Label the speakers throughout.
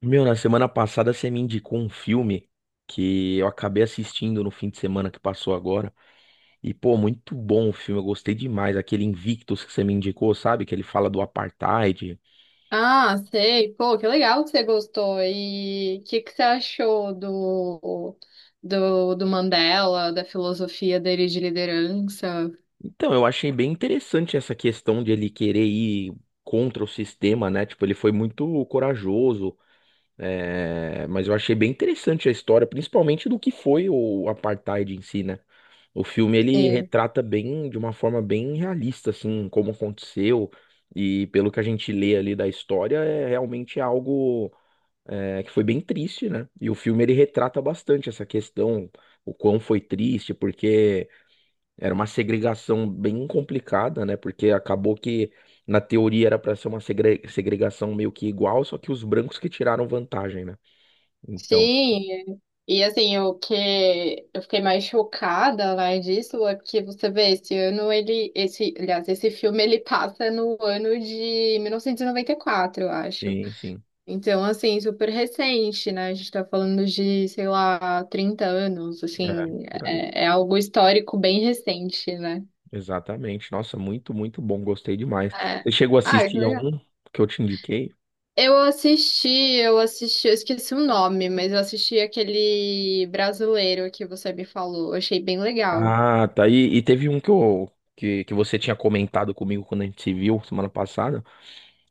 Speaker 1: Meu, na semana passada você me indicou um filme que eu acabei assistindo no fim de semana que passou agora. E, pô, muito bom o filme, eu gostei demais. Aquele Invictus que você me indicou, sabe? Que ele fala do apartheid.
Speaker 2: Ah, sei. Pô, que legal que você gostou. E o que que você achou do Mandela, da filosofia dele de liderança?
Speaker 1: Então, eu achei bem interessante essa questão de ele querer ir contra o sistema, né? Tipo, ele foi muito corajoso. É, mas eu achei bem interessante a história, principalmente do que foi o apartheid em si, né? O filme ele
Speaker 2: Sim.
Speaker 1: retrata bem, de uma forma bem realista, assim, como aconteceu e pelo que a gente lê ali da história, é realmente algo que foi bem triste, né? E o filme ele retrata bastante essa questão, o quão foi triste, porque era uma segregação bem complicada, né? Porque acabou que na teoria era para ser uma segregação meio que igual, só que os brancos que tiraram vantagem, né? Então,
Speaker 2: Sim. E assim, o que eu fiquei mais chocada, né, disso é porque você vê, esse ano ele, esse, aliás, esse filme ele passa no ano de 1994, eu acho.
Speaker 1: sim, sim.
Speaker 2: Então, assim, super recente, né? A gente tá falando de, sei lá, 30 anos,
Speaker 1: É,
Speaker 2: assim,
Speaker 1: por aí.
Speaker 2: é algo histórico bem recente, né?
Speaker 1: Exatamente. Nossa, muito, muito bom. Gostei demais.
Speaker 2: É.
Speaker 1: Você chegou a
Speaker 2: Ah, que
Speaker 1: assistir
Speaker 2: legal.
Speaker 1: algum que eu te indiquei?
Speaker 2: Eu assisti, eu assisti, eu esqueci o nome, mas eu assisti aquele brasileiro que você me falou, eu achei bem legal.
Speaker 1: Ah, tá. E teve um que você tinha comentado comigo quando a gente se viu semana passada.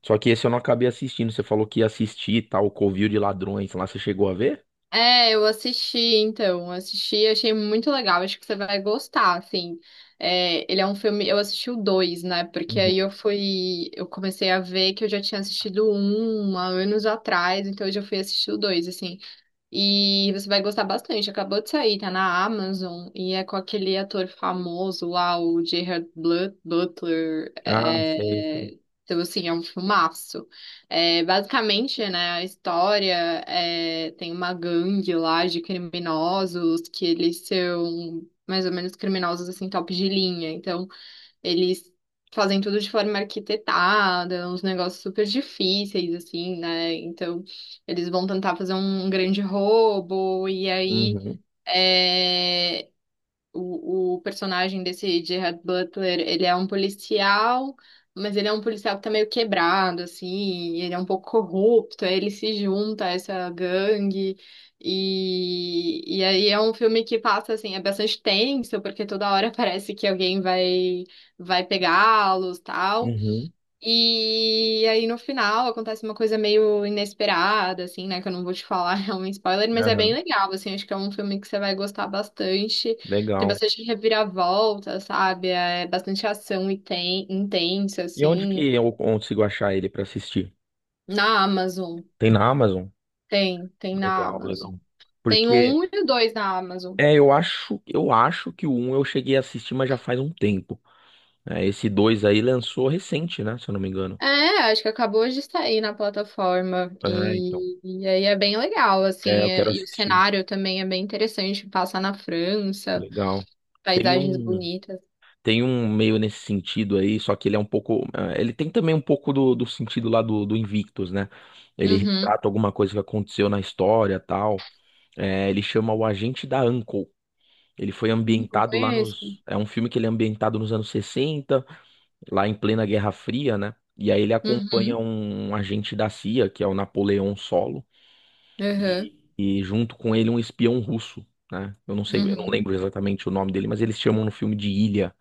Speaker 1: Só que esse eu não acabei assistindo. Você falou que ia assistir tal, o Covil de Ladrões lá. Você chegou a ver?
Speaker 2: É, eu assisti, então, assisti, achei muito legal, acho que você vai gostar, assim, ele é um filme, eu assisti o dois, né, porque aí
Speaker 1: Uhum.
Speaker 2: eu fui, eu comecei a ver que eu já tinha assistido um há anos atrás, então eu já fui assistir o dois, assim, e você vai gostar bastante. Acabou de sair, tá na Amazon e é com aquele ator famoso lá, o Butler.
Speaker 1: Ah, sei, sei.
Speaker 2: É... Então, assim, é um filmaço. É, basicamente, né, a história, tem uma gangue lá de criminosos que eles são mais ou menos criminosos, assim, top de linha. Então, eles fazem tudo de forma arquitetada, uns negócios super difíceis, assim, né? Então, eles vão tentar fazer um grande roubo, e aí.
Speaker 1: Uhum,
Speaker 2: é, o, o personagem desse Gerard Butler, ele é um policial, mas ele é um policial que tá meio quebrado, assim, ele é um pouco corrupto, aí ele se junta a essa gangue, e aí é um filme que passa, assim, é bastante tenso, porque toda hora parece que alguém vai, vai pegá-los, tal,
Speaker 1: uhum,
Speaker 2: e aí no final acontece uma coisa meio inesperada, assim, né? Que eu não vou te falar, é um spoiler, mas é bem
Speaker 1: aham.
Speaker 2: legal, assim, acho que é um filme que você vai gostar bastante. Tem
Speaker 1: Legal.
Speaker 2: bastante reviravolta, sabe? É bastante ação e tem, intensa,
Speaker 1: E onde que
Speaker 2: assim.
Speaker 1: eu consigo achar ele pra assistir?
Speaker 2: Na Amazon,
Speaker 1: Tem na Amazon?
Speaker 2: tem, tem na
Speaker 1: Legal,
Speaker 2: Amazon.
Speaker 1: legal.
Speaker 2: Tem o
Speaker 1: Porque
Speaker 2: um e o dois na Amazon.
Speaker 1: É, eu acho que o um eu cheguei a assistir, mas já faz um tempo. É, esse 2 aí lançou recente, né? Se eu não me engano.
Speaker 2: É, acho que acabou de sair na plataforma.
Speaker 1: É, então.
Speaker 2: E aí é bem legal,
Speaker 1: É,
Speaker 2: assim,
Speaker 1: eu quero
Speaker 2: e o
Speaker 1: assistir.
Speaker 2: cenário também é bem interessante, passa na França.
Speaker 1: Legal. Tem
Speaker 2: Paisagens
Speaker 1: um,
Speaker 2: bonitas.
Speaker 1: tem um meio nesse sentido aí, só que ele é um pouco. Ele tem também um pouco do sentido lá do Invictus, né? Ele
Speaker 2: Uhum.
Speaker 1: retrata alguma coisa que aconteceu na história tal. É, ele chama o Agente da Uncle. Ele foi
Speaker 2: Não
Speaker 1: ambientado lá
Speaker 2: conheço.
Speaker 1: nos. É um filme que ele é ambientado nos anos 60 lá em plena Guerra Fria, né? E aí ele acompanha
Speaker 2: Uhum.
Speaker 1: um agente da CIA, que é o Napoleão Solo,
Speaker 2: Uhum.
Speaker 1: e junto com ele um espião russo, né? Eu não sei, eu não
Speaker 2: Uhum.
Speaker 1: lembro exatamente o nome dele, mas eles chamam no filme de Ilha.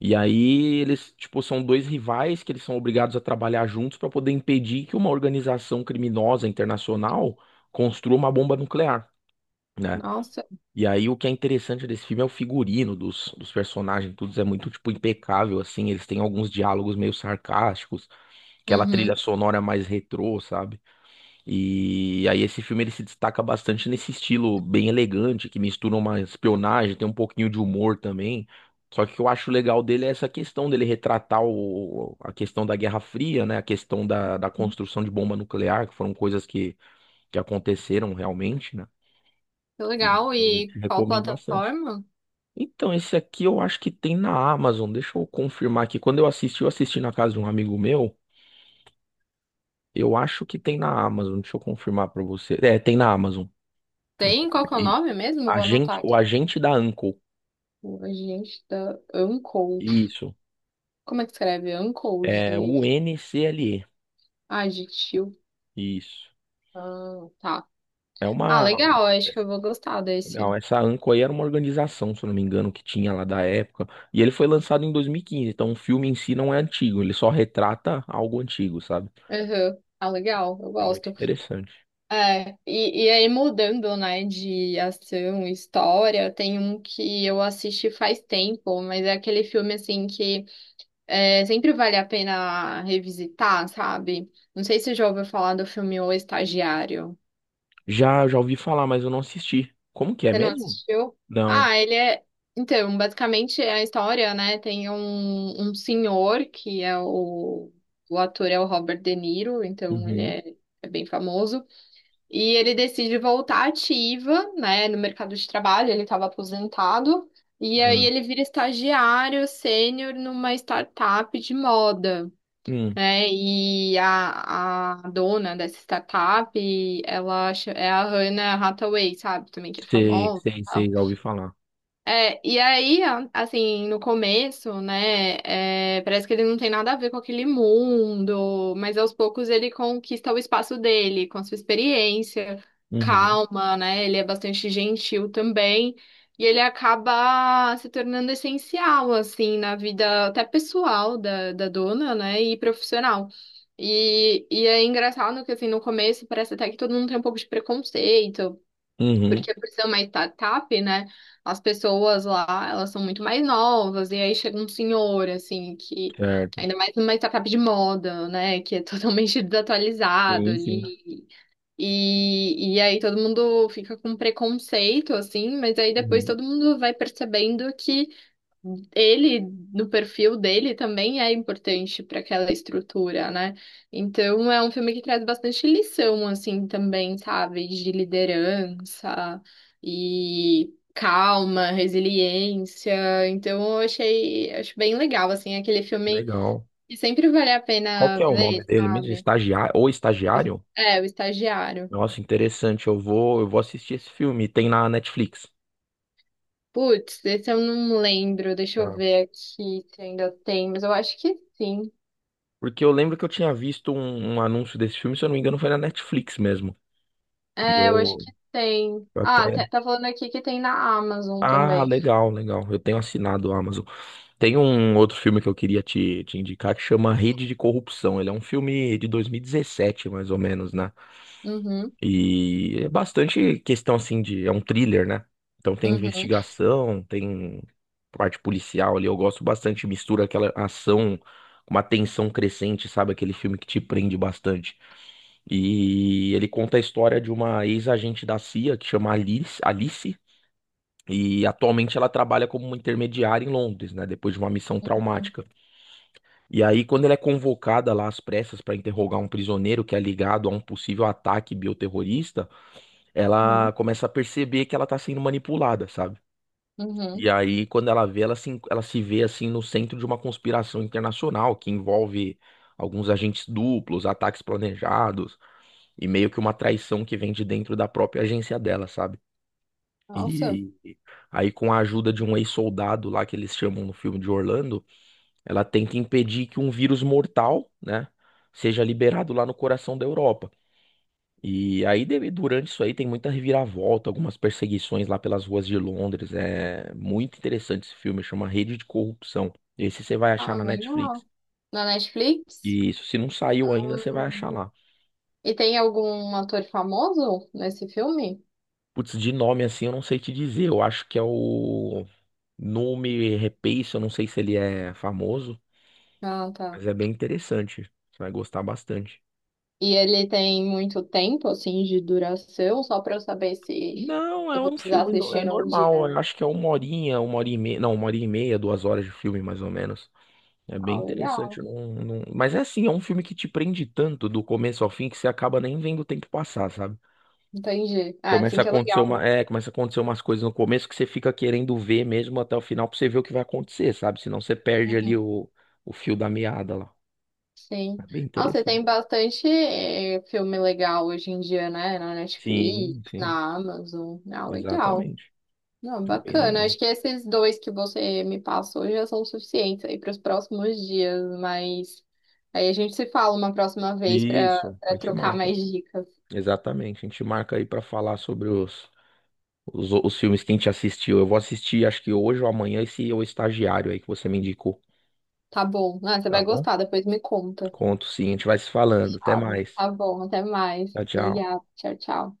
Speaker 1: E aí eles, tipo, são dois rivais que eles são obrigados a trabalhar juntos para poder impedir que uma organização criminosa internacional construa uma bomba nuclear. Né?
Speaker 2: Nossa.
Speaker 1: E aí o que é interessante desse filme é o figurino dos personagens, tudo é muito tipo impecável assim, eles têm alguns diálogos meio sarcásticos, aquela trilha
Speaker 2: Uhum.
Speaker 1: sonora mais retrô, sabe? E aí esse filme ele se destaca bastante nesse estilo bem elegante, que mistura uma espionagem, tem um pouquinho de humor também. Só que o que eu acho legal dele é essa questão dele retratar a questão da Guerra Fria, né? A questão da construção de bomba nuclear, que foram coisas que aconteceram realmente, né?
Speaker 2: Que
Speaker 1: E
Speaker 2: legal.
Speaker 1: eu
Speaker 2: E
Speaker 1: te
Speaker 2: qual
Speaker 1: recomendo bastante.
Speaker 2: plataforma?
Speaker 1: Então, esse aqui eu acho que tem na Amazon. Deixa eu confirmar aqui. Quando eu assisti na casa de um amigo meu. Eu acho que tem na Amazon, deixa eu confirmar pra você. É, tem na Amazon, no
Speaker 2: Tem? Qual que é o
Speaker 1: Prime. Isso.
Speaker 2: nome mesmo? Vou
Speaker 1: Agente,
Speaker 2: anotar
Speaker 1: o
Speaker 2: aqui.
Speaker 1: agente da Uncle.
Speaker 2: O agente da Uncode.
Speaker 1: Isso.
Speaker 2: Como é que escreve? Uncode.
Speaker 1: É o NCLE.
Speaker 2: Ah, de tio.
Speaker 1: Isso.
Speaker 2: Ah, tá.
Speaker 1: É
Speaker 2: Ah,
Speaker 1: uma.
Speaker 2: legal. Acho que eu vou gostar desse.
Speaker 1: Legal, essa Anco aí era uma organização, se eu não me engano, que tinha lá da época. E ele foi lançado em 2015. Então o filme em si não é antigo, ele só retrata algo antigo, sabe?
Speaker 2: Uhum. Ah, legal. Eu
Speaker 1: É muito
Speaker 2: gosto.
Speaker 1: interessante.
Speaker 2: É, e aí mudando, né, de ação, história, tem um que eu assisti faz tempo, mas é aquele filme, assim, que sempre vale a pena revisitar, sabe? Não sei se você já ouviu falar do filme O Estagiário.
Speaker 1: Já, já ouvi falar, mas eu não assisti. Como que é
Speaker 2: Você não
Speaker 1: mesmo?
Speaker 2: assistiu?
Speaker 1: Não.
Speaker 2: Ah, ele é... Então, basicamente é a história, né, tem um, um senhor que é o... O ator é o Robert De Niro, então ele
Speaker 1: Uhum.
Speaker 2: é é bem famoso. E ele decide voltar ativa, né, no mercado de trabalho, ele estava aposentado, e
Speaker 1: Ah.
Speaker 2: aí ele vira estagiário sênior numa startup de moda,
Speaker 1: Hum.
Speaker 2: né? E a dona dessa startup, é a Hannah Hathaway, sabe? Também que é
Speaker 1: Sei,
Speaker 2: famosa.
Speaker 1: sei, sei, já ouvi falar.
Speaker 2: É, e aí, assim, no começo, né, parece que ele não tem nada a ver com aquele mundo, mas aos poucos ele conquista o espaço dele, com a sua experiência,
Speaker 1: Uhum.
Speaker 2: calma, né, ele é bastante gentil também, e ele acaba se tornando essencial, assim, na vida até pessoal da, da dona, né, e profissional. E é engraçado que, assim, no começo parece até que todo mundo tem um pouco de preconceito,
Speaker 1: Uhum.
Speaker 2: porque por ser uma startup, né, as pessoas lá, elas são muito mais novas, e aí chega um senhor, assim, que,
Speaker 1: Certo.
Speaker 2: ainda mais numa startup de moda, né, que é totalmente desatualizado
Speaker 1: Sim, sim.
Speaker 2: ali, e aí todo mundo fica com preconceito, assim, mas aí depois
Speaker 1: Uhum.
Speaker 2: todo mundo vai percebendo que ele, no perfil dele, também é importante para aquela estrutura, né? Então é um filme que traz bastante lição, assim, também, sabe? De liderança e calma, resiliência. Então eu achei, acho bem legal, assim, aquele filme
Speaker 1: Legal.
Speaker 2: que sempre vale a
Speaker 1: Qual
Speaker 2: pena
Speaker 1: que é o nome
Speaker 2: ver,
Speaker 1: dele mesmo?
Speaker 2: sabe?
Speaker 1: Estagiário ou estagiário?
Speaker 2: É, O Estagiário.
Speaker 1: Nossa, interessante. Eu vou assistir esse filme. Tem na Netflix.
Speaker 2: Putz, esse eu não lembro, deixa eu
Speaker 1: Tá.
Speaker 2: ver aqui se ainda tem, mas eu acho que sim.
Speaker 1: Porque eu lembro que eu tinha visto um anúncio desse filme, se eu não me engano, foi na Netflix mesmo. E
Speaker 2: É, eu acho
Speaker 1: eu
Speaker 2: que tem.
Speaker 1: eu
Speaker 2: Ah,
Speaker 1: até.
Speaker 2: tá falando aqui que tem na Amazon
Speaker 1: Ah,
Speaker 2: também.
Speaker 1: legal, legal. Eu tenho assinado o Amazon. Tem um outro filme que eu queria te indicar que chama Rede de Corrupção. Ele é um filme de 2017 mais ou menos, né?
Speaker 2: Uhum,
Speaker 1: E é bastante questão assim de. É um thriller, né? Então tem
Speaker 2: uhum,
Speaker 1: investigação, tem parte policial ali. Eu gosto bastante, mistura aquela ação com uma tensão crescente, sabe? Aquele filme que te prende bastante. E ele conta a história de uma ex-agente da CIA que chama Alice, Alice. E atualmente ela trabalha como uma intermediária em Londres, né? Depois de uma missão traumática. E aí, quando ela é convocada lá às pressas para interrogar um prisioneiro que é ligado a um possível ataque bioterrorista,
Speaker 2: uhum,
Speaker 1: ela começa a perceber que ela tá sendo manipulada, sabe?
Speaker 2: uhum.
Speaker 1: E aí, quando ela vê, ela se vê assim no centro de uma conspiração internacional que envolve alguns agentes duplos, ataques planejados e meio que uma traição que vem de dentro da própria agência dela, sabe?
Speaker 2: Nossa,
Speaker 1: E aí, com a ajuda de um ex-soldado lá que eles chamam no filme de Orlando, ela tenta impedir que um vírus mortal, né, seja liberado lá no coração da Europa. E aí, durante isso aí, tem muita reviravolta, algumas perseguições lá pelas ruas de Londres. É muito interessante esse filme, chama Rede de Corrupção. Esse você vai achar
Speaker 2: ah,
Speaker 1: na
Speaker 2: legal.
Speaker 1: Netflix.
Speaker 2: Na Netflix?
Speaker 1: E isso, se não saiu ainda, você vai
Speaker 2: Hum.
Speaker 1: achar lá.
Speaker 2: E tem algum ator famoso nesse filme?
Speaker 1: Putz, de nome assim, eu não sei te dizer. Eu acho que é o nome Rapace, eu não sei se ele é famoso,
Speaker 2: Ah, tá.
Speaker 1: mas é bem interessante. Você vai gostar bastante.
Speaker 2: E ele tem muito tempo, assim, de duração, só pra eu saber se
Speaker 1: Não, é
Speaker 2: eu vou
Speaker 1: um
Speaker 2: precisar
Speaker 1: filme, é
Speaker 2: assistir num dia.
Speaker 1: normal. Eu acho que é uma horinha, uma hora e meia. Não, uma hora e meia, duas horas de filme, mais ou menos. É bem
Speaker 2: Ah, legal.
Speaker 1: interessante. Não, não. Mas é assim, é um filme que te prende tanto do começo ao fim que você acaba nem vendo o tempo passar, sabe?
Speaker 2: Entendi. Ah,
Speaker 1: Começa
Speaker 2: assim
Speaker 1: a
Speaker 2: que é
Speaker 1: acontecer
Speaker 2: legal, né?
Speaker 1: uma, é, começa a acontecer umas coisas no começo que você fica querendo ver mesmo até o final pra você ver o que vai acontecer, sabe? Senão você perde ali
Speaker 2: Uhum.
Speaker 1: o fio da meada lá.
Speaker 2: Sim.
Speaker 1: É bem
Speaker 2: Nossa, e
Speaker 1: interessante.
Speaker 2: tem bastante filme legal hoje em dia, né? Na Netflix,
Speaker 1: Sim, sim,
Speaker 2: na Amazon. Ah, legal.
Speaker 1: exatamente.
Speaker 2: Não,
Speaker 1: É bem
Speaker 2: bacana.
Speaker 1: legal.
Speaker 2: Acho que esses dois que você me passou já são suficientes aí para os próximos dias, mas aí a gente se fala uma próxima vez para
Speaker 1: Isso, a gente
Speaker 2: trocar
Speaker 1: marca.
Speaker 2: mais dicas.
Speaker 1: Exatamente, a gente marca aí pra falar sobre os filmes que a gente assistiu. Eu vou assistir, acho que hoje ou amanhã, esse é O Estagiário aí que você me indicou.
Speaker 2: Tá bom. Ah, você
Speaker 1: Tá
Speaker 2: vai
Speaker 1: bom?
Speaker 2: gostar, depois me conta.
Speaker 1: Conto sim, a gente vai se falando. Até
Speaker 2: Fechado.
Speaker 1: mais.
Speaker 2: Tá bom, até mais.
Speaker 1: Tchau, tchau.
Speaker 2: Obrigada. Tchau, tchau.